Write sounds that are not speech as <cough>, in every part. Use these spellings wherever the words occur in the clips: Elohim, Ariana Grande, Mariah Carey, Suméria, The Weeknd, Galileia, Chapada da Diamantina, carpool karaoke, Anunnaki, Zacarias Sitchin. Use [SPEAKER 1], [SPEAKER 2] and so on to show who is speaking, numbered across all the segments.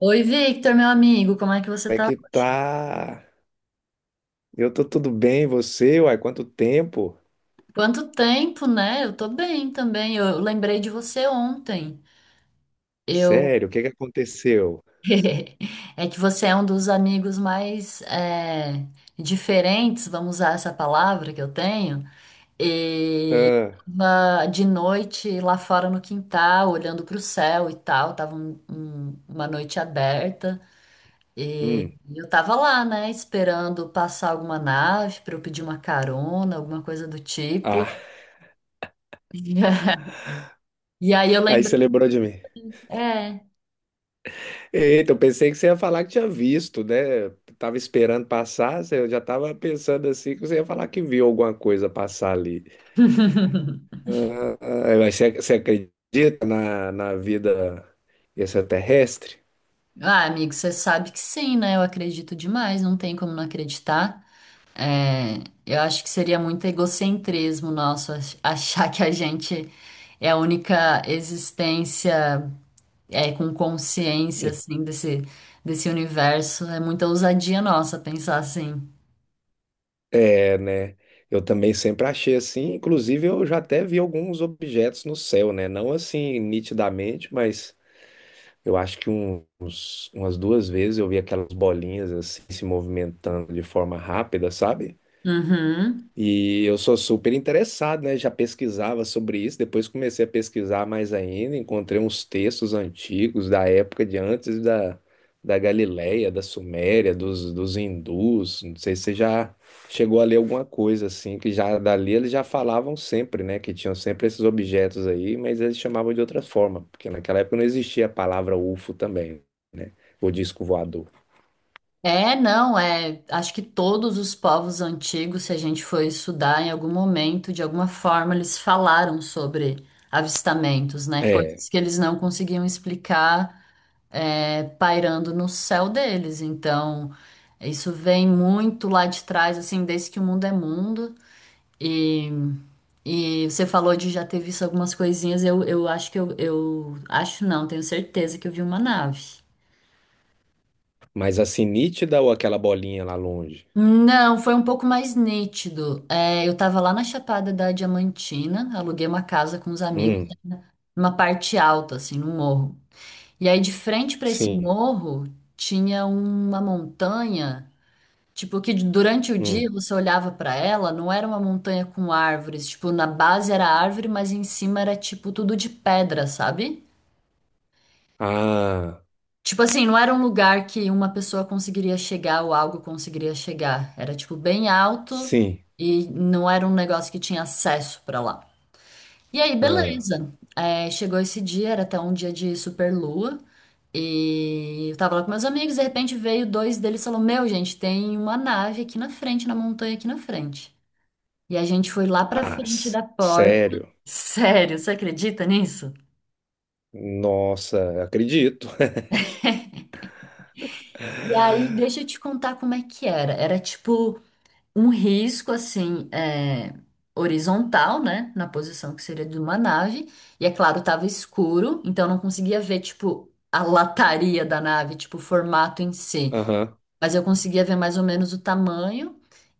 [SPEAKER 1] Oi, Victor, meu amigo, como é que você
[SPEAKER 2] Como é
[SPEAKER 1] tá?
[SPEAKER 2] que tá? Eu tô tudo bem, você? Uai, quanto tempo?
[SPEAKER 1] Quanto tempo, né? Eu tô bem também. Eu lembrei de você ontem. Eu
[SPEAKER 2] Sério, o que aconteceu?
[SPEAKER 1] <laughs> É que você é um dos amigos mais diferentes, vamos usar essa palavra que eu tenho. E
[SPEAKER 2] Ah,
[SPEAKER 1] tava de noite lá fora no quintal, olhando pro céu e tal. Tava uma noite aberta e
[SPEAKER 2] hum,
[SPEAKER 1] eu tava lá, né? Esperando passar alguma nave para eu pedir uma carona, alguma coisa do tipo.
[SPEAKER 2] ah,
[SPEAKER 1] <laughs> E aí eu
[SPEAKER 2] <laughs> aí
[SPEAKER 1] lembrei,
[SPEAKER 2] você lembrou de mim.
[SPEAKER 1] é,
[SPEAKER 2] Eita, eu pensei que você ia falar que tinha visto, né? Tava esperando passar, eu já tava pensando assim que você ia falar que viu alguma coisa passar ali. Ah, mas você acredita na vida extraterrestre?
[SPEAKER 1] ah, amigo, você sabe que sim, né? Eu acredito demais, não tem como não acreditar. É, eu acho que seria muito egocentrismo nosso achar que a gente é a única existência com consciência, assim, desse universo. É muita ousadia nossa pensar assim.
[SPEAKER 2] É, né? Eu também sempre achei assim. Inclusive, eu já até vi alguns objetos no céu, né? Não assim nitidamente, mas eu acho que uns, umas duas vezes eu vi aquelas bolinhas assim se movimentando de forma rápida, sabe?
[SPEAKER 1] Uhum.
[SPEAKER 2] E eu sou super interessado, né? Já pesquisava sobre isso, depois comecei a pesquisar mais ainda, encontrei uns textos antigos da época de antes da Galileia, da Suméria, dos hindus. Não sei se você já chegou a ler alguma coisa assim, que já dali eles já falavam sempre, né? Que tinham sempre esses objetos aí, mas eles chamavam de outra forma, porque naquela época não existia a palavra UFO também, né? O disco voador.
[SPEAKER 1] É, não, é. Acho que todos os povos antigos, se a gente for estudar em algum momento, de alguma forma, eles falaram sobre avistamentos, né?
[SPEAKER 2] É,
[SPEAKER 1] Coisas que eles não conseguiam explicar, é, pairando no céu deles. Então, isso vem muito lá de trás, assim, desde que o mundo é mundo. E, e você falou de já ter visto algumas coisinhas, eu acho que eu acho não, tenho certeza que eu vi uma nave.
[SPEAKER 2] mas assim, nítida ou aquela bolinha lá longe?
[SPEAKER 1] Não, foi um pouco mais nítido. É, eu tava lá na Chapada da Diamantina, aluguei uma casa com os amigos,
[SPEAKER 2] Hum,
[SPEAKER 1] né, numa parte alta, assim, num morro. E aí, de frente para esse
[SPEAKER 2] sim.
[SPEAKER 1] morro, tinha uma montanha, tipo, que durante o dia
[SPEAKER 2] Hum.
[SPEAKER 1] você olhava para ela, não era uma montanha com árvores, tipo, na base era árvore, mas em cima era, tipo, tudo de pedra, sabe?
[SPEAKER 2] Ah,
[SPEAKER 1] Tipo assim, não era um lugar que uma pessoa conseguiria chegar ou algo conseguiria chegar. Era tipo bem alto
[SPEAKER 2] sim.
[SPEAKER 1] e não era um negócio que tinha acesso pra lá. E aí,
[SPEAKER 2] Ah,
[SPEAKER 1] beleza. É, chegou esse dia, era até um dia de super lua. E eu tava lá com meus amigos, de repente veio dois deles e falou: Meu, gente, tem uma nave aqui na frente, na montanha aqui na frente. E a gente foi lá pra frente da porta.
[SPEAKER 2] sério?
[SPEAKER 1] Sério, você acredita nisso?
[SPEAKER 2] Nossa, acredito.
[SPEAKER 1] E aí, deixa eu te contar como é que era. Era tipo um risco assim é, horizontal, né, na posição que seria de uma nave, e é claro, tava escuro, então eu não conseguia ver tipo a lataria da nave, tipo o formato em
[SPEAKER 2] <laughs>
[SPEAKER 1] si,
[SPEAKER 2] Aham.
[SPEAKER 1] mas eu conseguia ver mais ou menos o tamanho.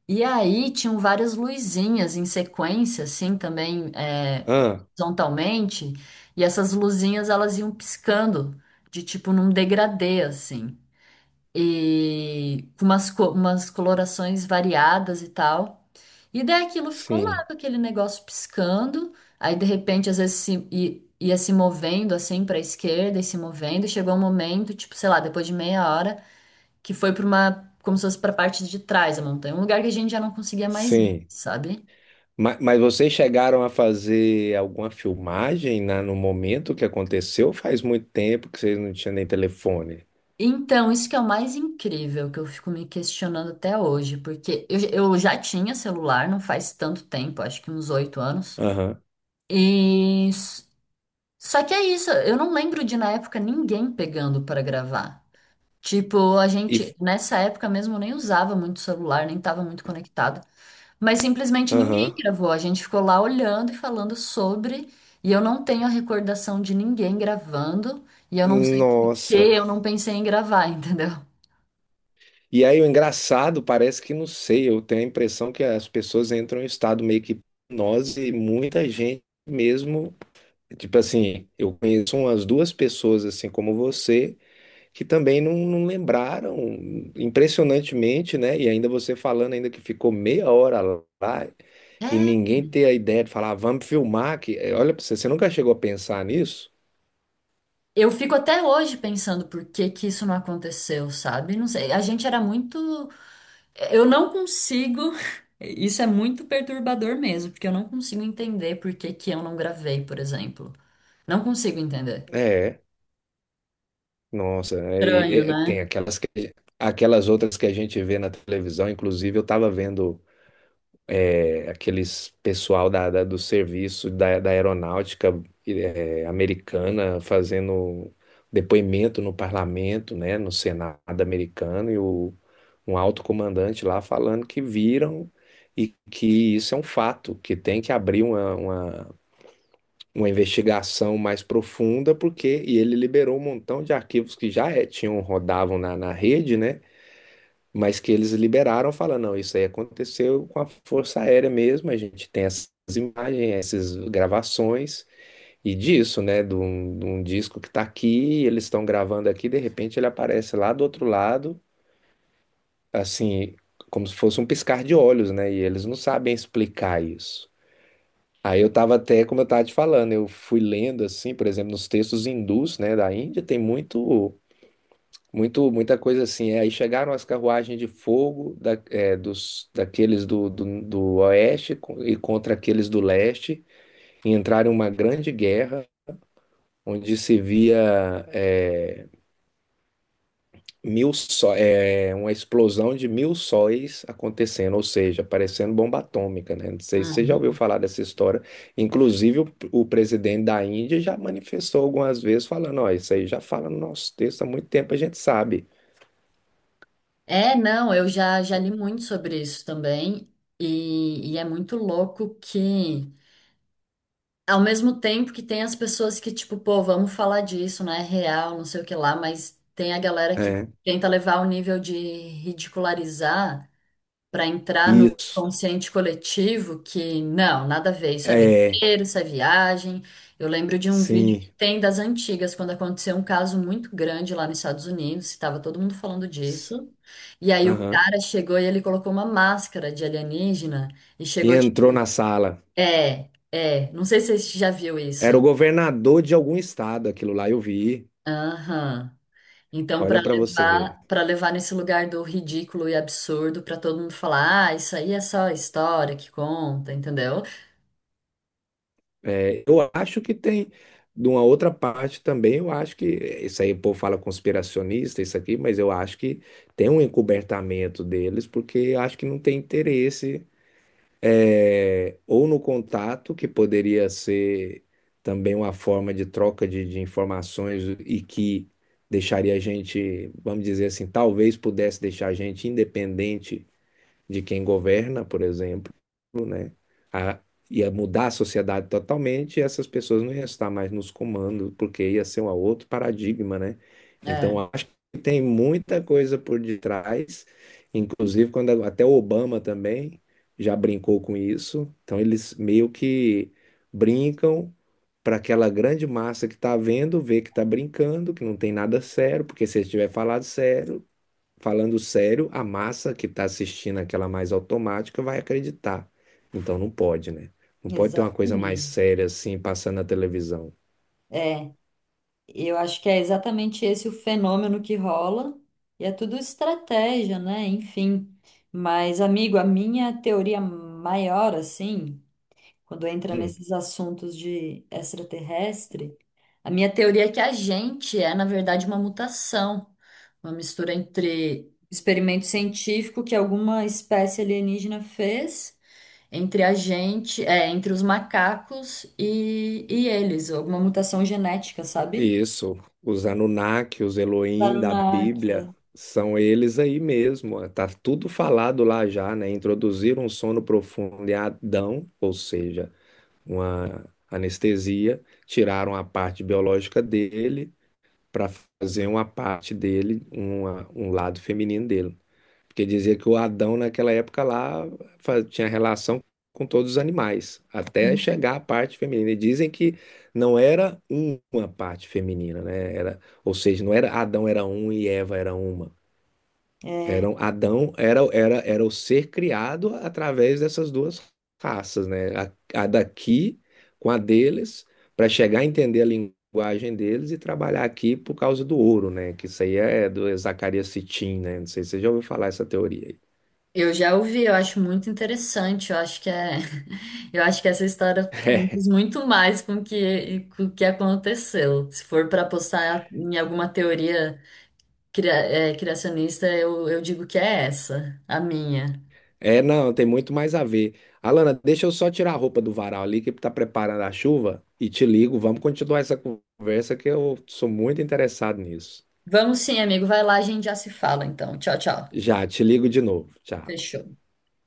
[SPEAKER 1] E aí tinham várias luzinhas em sequência, assim, também é,
[SPEAKER 2] Ah,
[SPEAKER 1] horizontalmente, e essas luzinhas elas iam piscando de tipo num degradê, assim e com umas colorações variadas e tal. E daí aquilo ficou lá
[SPEAKER 2] sim,
[SPEAKER 1] com aquele negócio piscando, aí de repente às vezes ia se movendo assim para a esquerda e se movendo, e chegou um momento, tipo, sei lá, depois de meia hora, que foi para uma, como se fosse para a parte de trás da montanha, um lugar que a gente já não conseguia mais ir,
[SPEAKER 2] sim.
[SPEAKER 1] sabe?
[SPEAKER 2] Mas vocês chegaram a fazer alguma filmagem na, no momento que aconteceu? Faz muito tempo que vocês não tinham nem telefone.
[SPEAKER 1] Então, isso que é o mais incrível, que eu fico me questionando até hoje, porque eu já tinha celular, não faz tanto tempo, acho que uns oito anos.
[SPEAKER 2] Aham.
[SPEAKER 1] E Só que é isso, eu não lembro de na época ninguém pegando para gravar. Tipo, a
[SPEAKER 2] E,
[SPEAKER 1] gente nessa época mesmo nem usava muito celular, nem estava muito conectado, mas simplesmente ninguém
[SPEAKER 2] aham.
[SPEAKER 1] gravou. A gente ficou lá olhando e falando sobre, e eu não tenho a recordação de ninguém gravando, e eu não sei por que
[SPEAKER 2] Nossa.
[SPEAKER 1] eu não pensei em gravar, <laughs> entendeu?
[SPEAKER 2] E aí o engraçado, parece que não sei, eu tenho a impressão que as pessoas entram em estado meio que hipnose e muita gente mesmo. Tipo assim, eu conheço umas duas pessoas assim como você que também não lembraram impressionantemente, né? E ainda você falando ainda que ficou meia hora lá e
[SPEAKER 1] É,
[SPEAKER 2] ninguém ter a ideia de falar, "Ah, vamos filmar que olha pra você, você nunca chegou a pensar nisso?"
[SPEAKER 1] eu fico até hoje pensando por que que isso não aconteceu, sabe? Não sei, a gente era muito Eu não consigo. <laughs> Isso é muito perturbador mesmo, porque eu não consigo entender por que que eu não gravei, por exemplo. Não consigo entender.
[SPEAKER 2] É, nossa, é,
[SPEAKER 1] Estranho, né?
[SPEAKER 2] tem aquelas outras que a gente vê na televisão, inclusive eu estava vendo, é, aqueles pessoal da, do serviço da, da aeronáutica, é, americana, fazendo depoimento no parlamento, né, no Senado americano, e o, um alto comandante lá falando que viram e que isso é um fato, que tem que abrir uma investigação mais profunda, porque e ele liberou um montão de arquivos que já, é, tinham, rodavam na, na rede, né? Mas que eles liberaram, falando, não, isso aí aconteceu com a Força Aérea mesmo, a gente tem essas imagens, essas gravações, e disso, né, de um disco que está aqui, eles estão gravando aqui, de repente ele aparece lá do outro lado, assim, como se fosse um piscar de olhos, né, e eles não sabem explicar isso. Aí eu estava até, como eu estava te falando, eu fui lendo, assim, por exemplo, nos textos hindus, né, da Índia, tem muito, muito, muita coisa assim. É, aí chegaram as carruagens de fogo é, dos, daqueles do, do oeste e contra aqueles do leste, e entraram em uma grande guerra, onde se via, é, é, uma explosão de mil sóis acontecendo, ou seja, parecendo bomba atômica, né? Não sei se você já ouviu
[SPEAKER 1] Uhum.
[SPEAKER 2] falar dessa história. Inclusive, o presidente da Índia já manifestou algumas vezes, falando: Ó, isso aí já fala no nosso texto há muito tempo, a gente sabe.
[SPEAKER 1] É, não, eu já li muito sobre isso também, e é muito louco que, ao mesmo tempo que tem as pessoas que, tipo, pô, vamos falar disso, né? É real, não sei o que lá, mas tem a galera que
[SPEAKER 2] É,
[SPEAKER 1] tenta levar o nível de ridicularizar para entrar no
[SPEAKER 2] isso.
[SPEAKER 1] consciente coletivo que não, nada a ver, isso é
[SPEAKER 2] É,
[SPEAKER 1] besteira, isso é viagem. Eu lembro de um vídeo que
[SPEAKER 2] sim.
[SPEAKER 1] tem das antigas, quando aconteceu um caso muito grande lá nos Estados Unidos, estava todo mundo falando
[SPEAKER 2] S-
[SPEAKER 1] disso. E aí o
[SPEAKER 2] Aham.
[SPEAKER 1] cara chegou e ele colocou uma máscara de alienígena e
[SPEAKER 2] E
[SPEAKER 1] chegou
[SPEAKER 2] entrou
[SPEAKER 1] tipo,
[SPEAKER 2] na sala.
[SPEAKER 1] não sei se você já viu
[SPEAKER 2] Era o
[SPEAKER 1] isso.
[SPEAKER 2] governador de algum estado, aquilo lá eu vi.
[SPEAKER 1] Aham. Então,
[SPEAKER 2] Olha para você ver.
[SPEAKER 1] para levar nesse lugar do ridículo e absurdo, para todo mundo falar, ah, isso aí é só história que conta, entendeu?
[SPEAKER 2] É, eu acho que tem, de uma outra parte também, eu acho que, isso aí o povo fala conspiracionista, isso aqui, mas eu acho que tem um encobertamento deles, porque acho que não tem interesse, é, ou no contato, que poderia ser também uma forma de troca de informações e que deixaria a gente, vamos dizer assim, talvez pudesse deixar a gente independente de quem governa, por exemplo, né? A, ia mudar a sociedade totalmente e essas pessoas não iam estar mais nos comandos, porque ia ser um outro paradigma, né? Então,
[SPEAKER 1] É,
[SPEAKER 2] acho que tem muita coisa por detrás, inclusive quando até o Obama também já brincou com isso. Então, eles meio que brincam para aquela grande massa que está vendo, ver que está brincando, que não tem nada sério, porque se eles tiver falado sério, falando sério, a massa que está assistindo aquela mais automática vai acreditar. Então não pode, né? Não pode ter uma coisa mais
[SPEAKER 1] exatamente.
[SPEAKER 2] séria assim passando na televisão.
[SPEAKER 1] É, eu acho que é exatamente esse o fenômeno que rola, e é tudo estratégia, né? Enfim. Mas, amigo, a minha teoria maior, assim, quando entra
[SPEAKER 2] Hum,
[SPEAKER 1] nesses assuntos de extraterrestre, a minha teoria é que a gente é, na verdade, uma mutação, uma mistura entre experimento científico que alguma espécie alienígena fez entre a gente, é, entre os macacos e eles, alguma mutação genética, sabe?
[SPEAKER 2] Isso, os Anunnaki, os Elohim da
[SPEAKER 1] Anunnaki.
[SPEAKER 2] Bíblia, são eles aí mesmo. Ó. Tá tudo falado lá já, né? Introduziram um sono profundo em Adão, ou seja, uma anestesia, tiraram a parte biológica dele para fazer uma parte dele, um lado feminino dele. Porque dizia que o Adão, naquela época lá, tinha relação com todos os animais, até chegar à parte feminina. E dizem que não era uma parte feminina, né? Era, ou seja, não era Adão era um e Eva era uma. Eram, Adão era, era o ser criado através dessas duas raças, né? A daqui com a deles, para chegar a entender a linguagem deles e trabalhar aqui por causa do ouro, né? Que isso aí é do Zacarias Sitchin, né? Não sei se você já ouviu falar essa teoria aí.
[SPEAKER 1] Eu já ouvi, eu acho muito interessante, eu acho que é, <laughs> eu acho que essa história conta
[SPEAKER 2] É,
[SPEAKER 1] muito mais com com o que aconteceu. Se for para apostar em alguma teoria cria- criacionista, eu digo que é essa, a minha.
[SPEAKER 2] não, tem muito mais a ver. Alana, deixa eu só tirar a roupa do varal ali, que tá preparando a chuva, e te ligo. Vamos continuar essa conversa, que eu sou muito interessado nisso.
[SPEAKER 1] Vamos sim, amigo, vai lá, a gente já se fala então. Tchau, tchau.
[SPEAKER 2] Já, te ligo de novo. Tchau.
[SPEAKER 1] Fechou.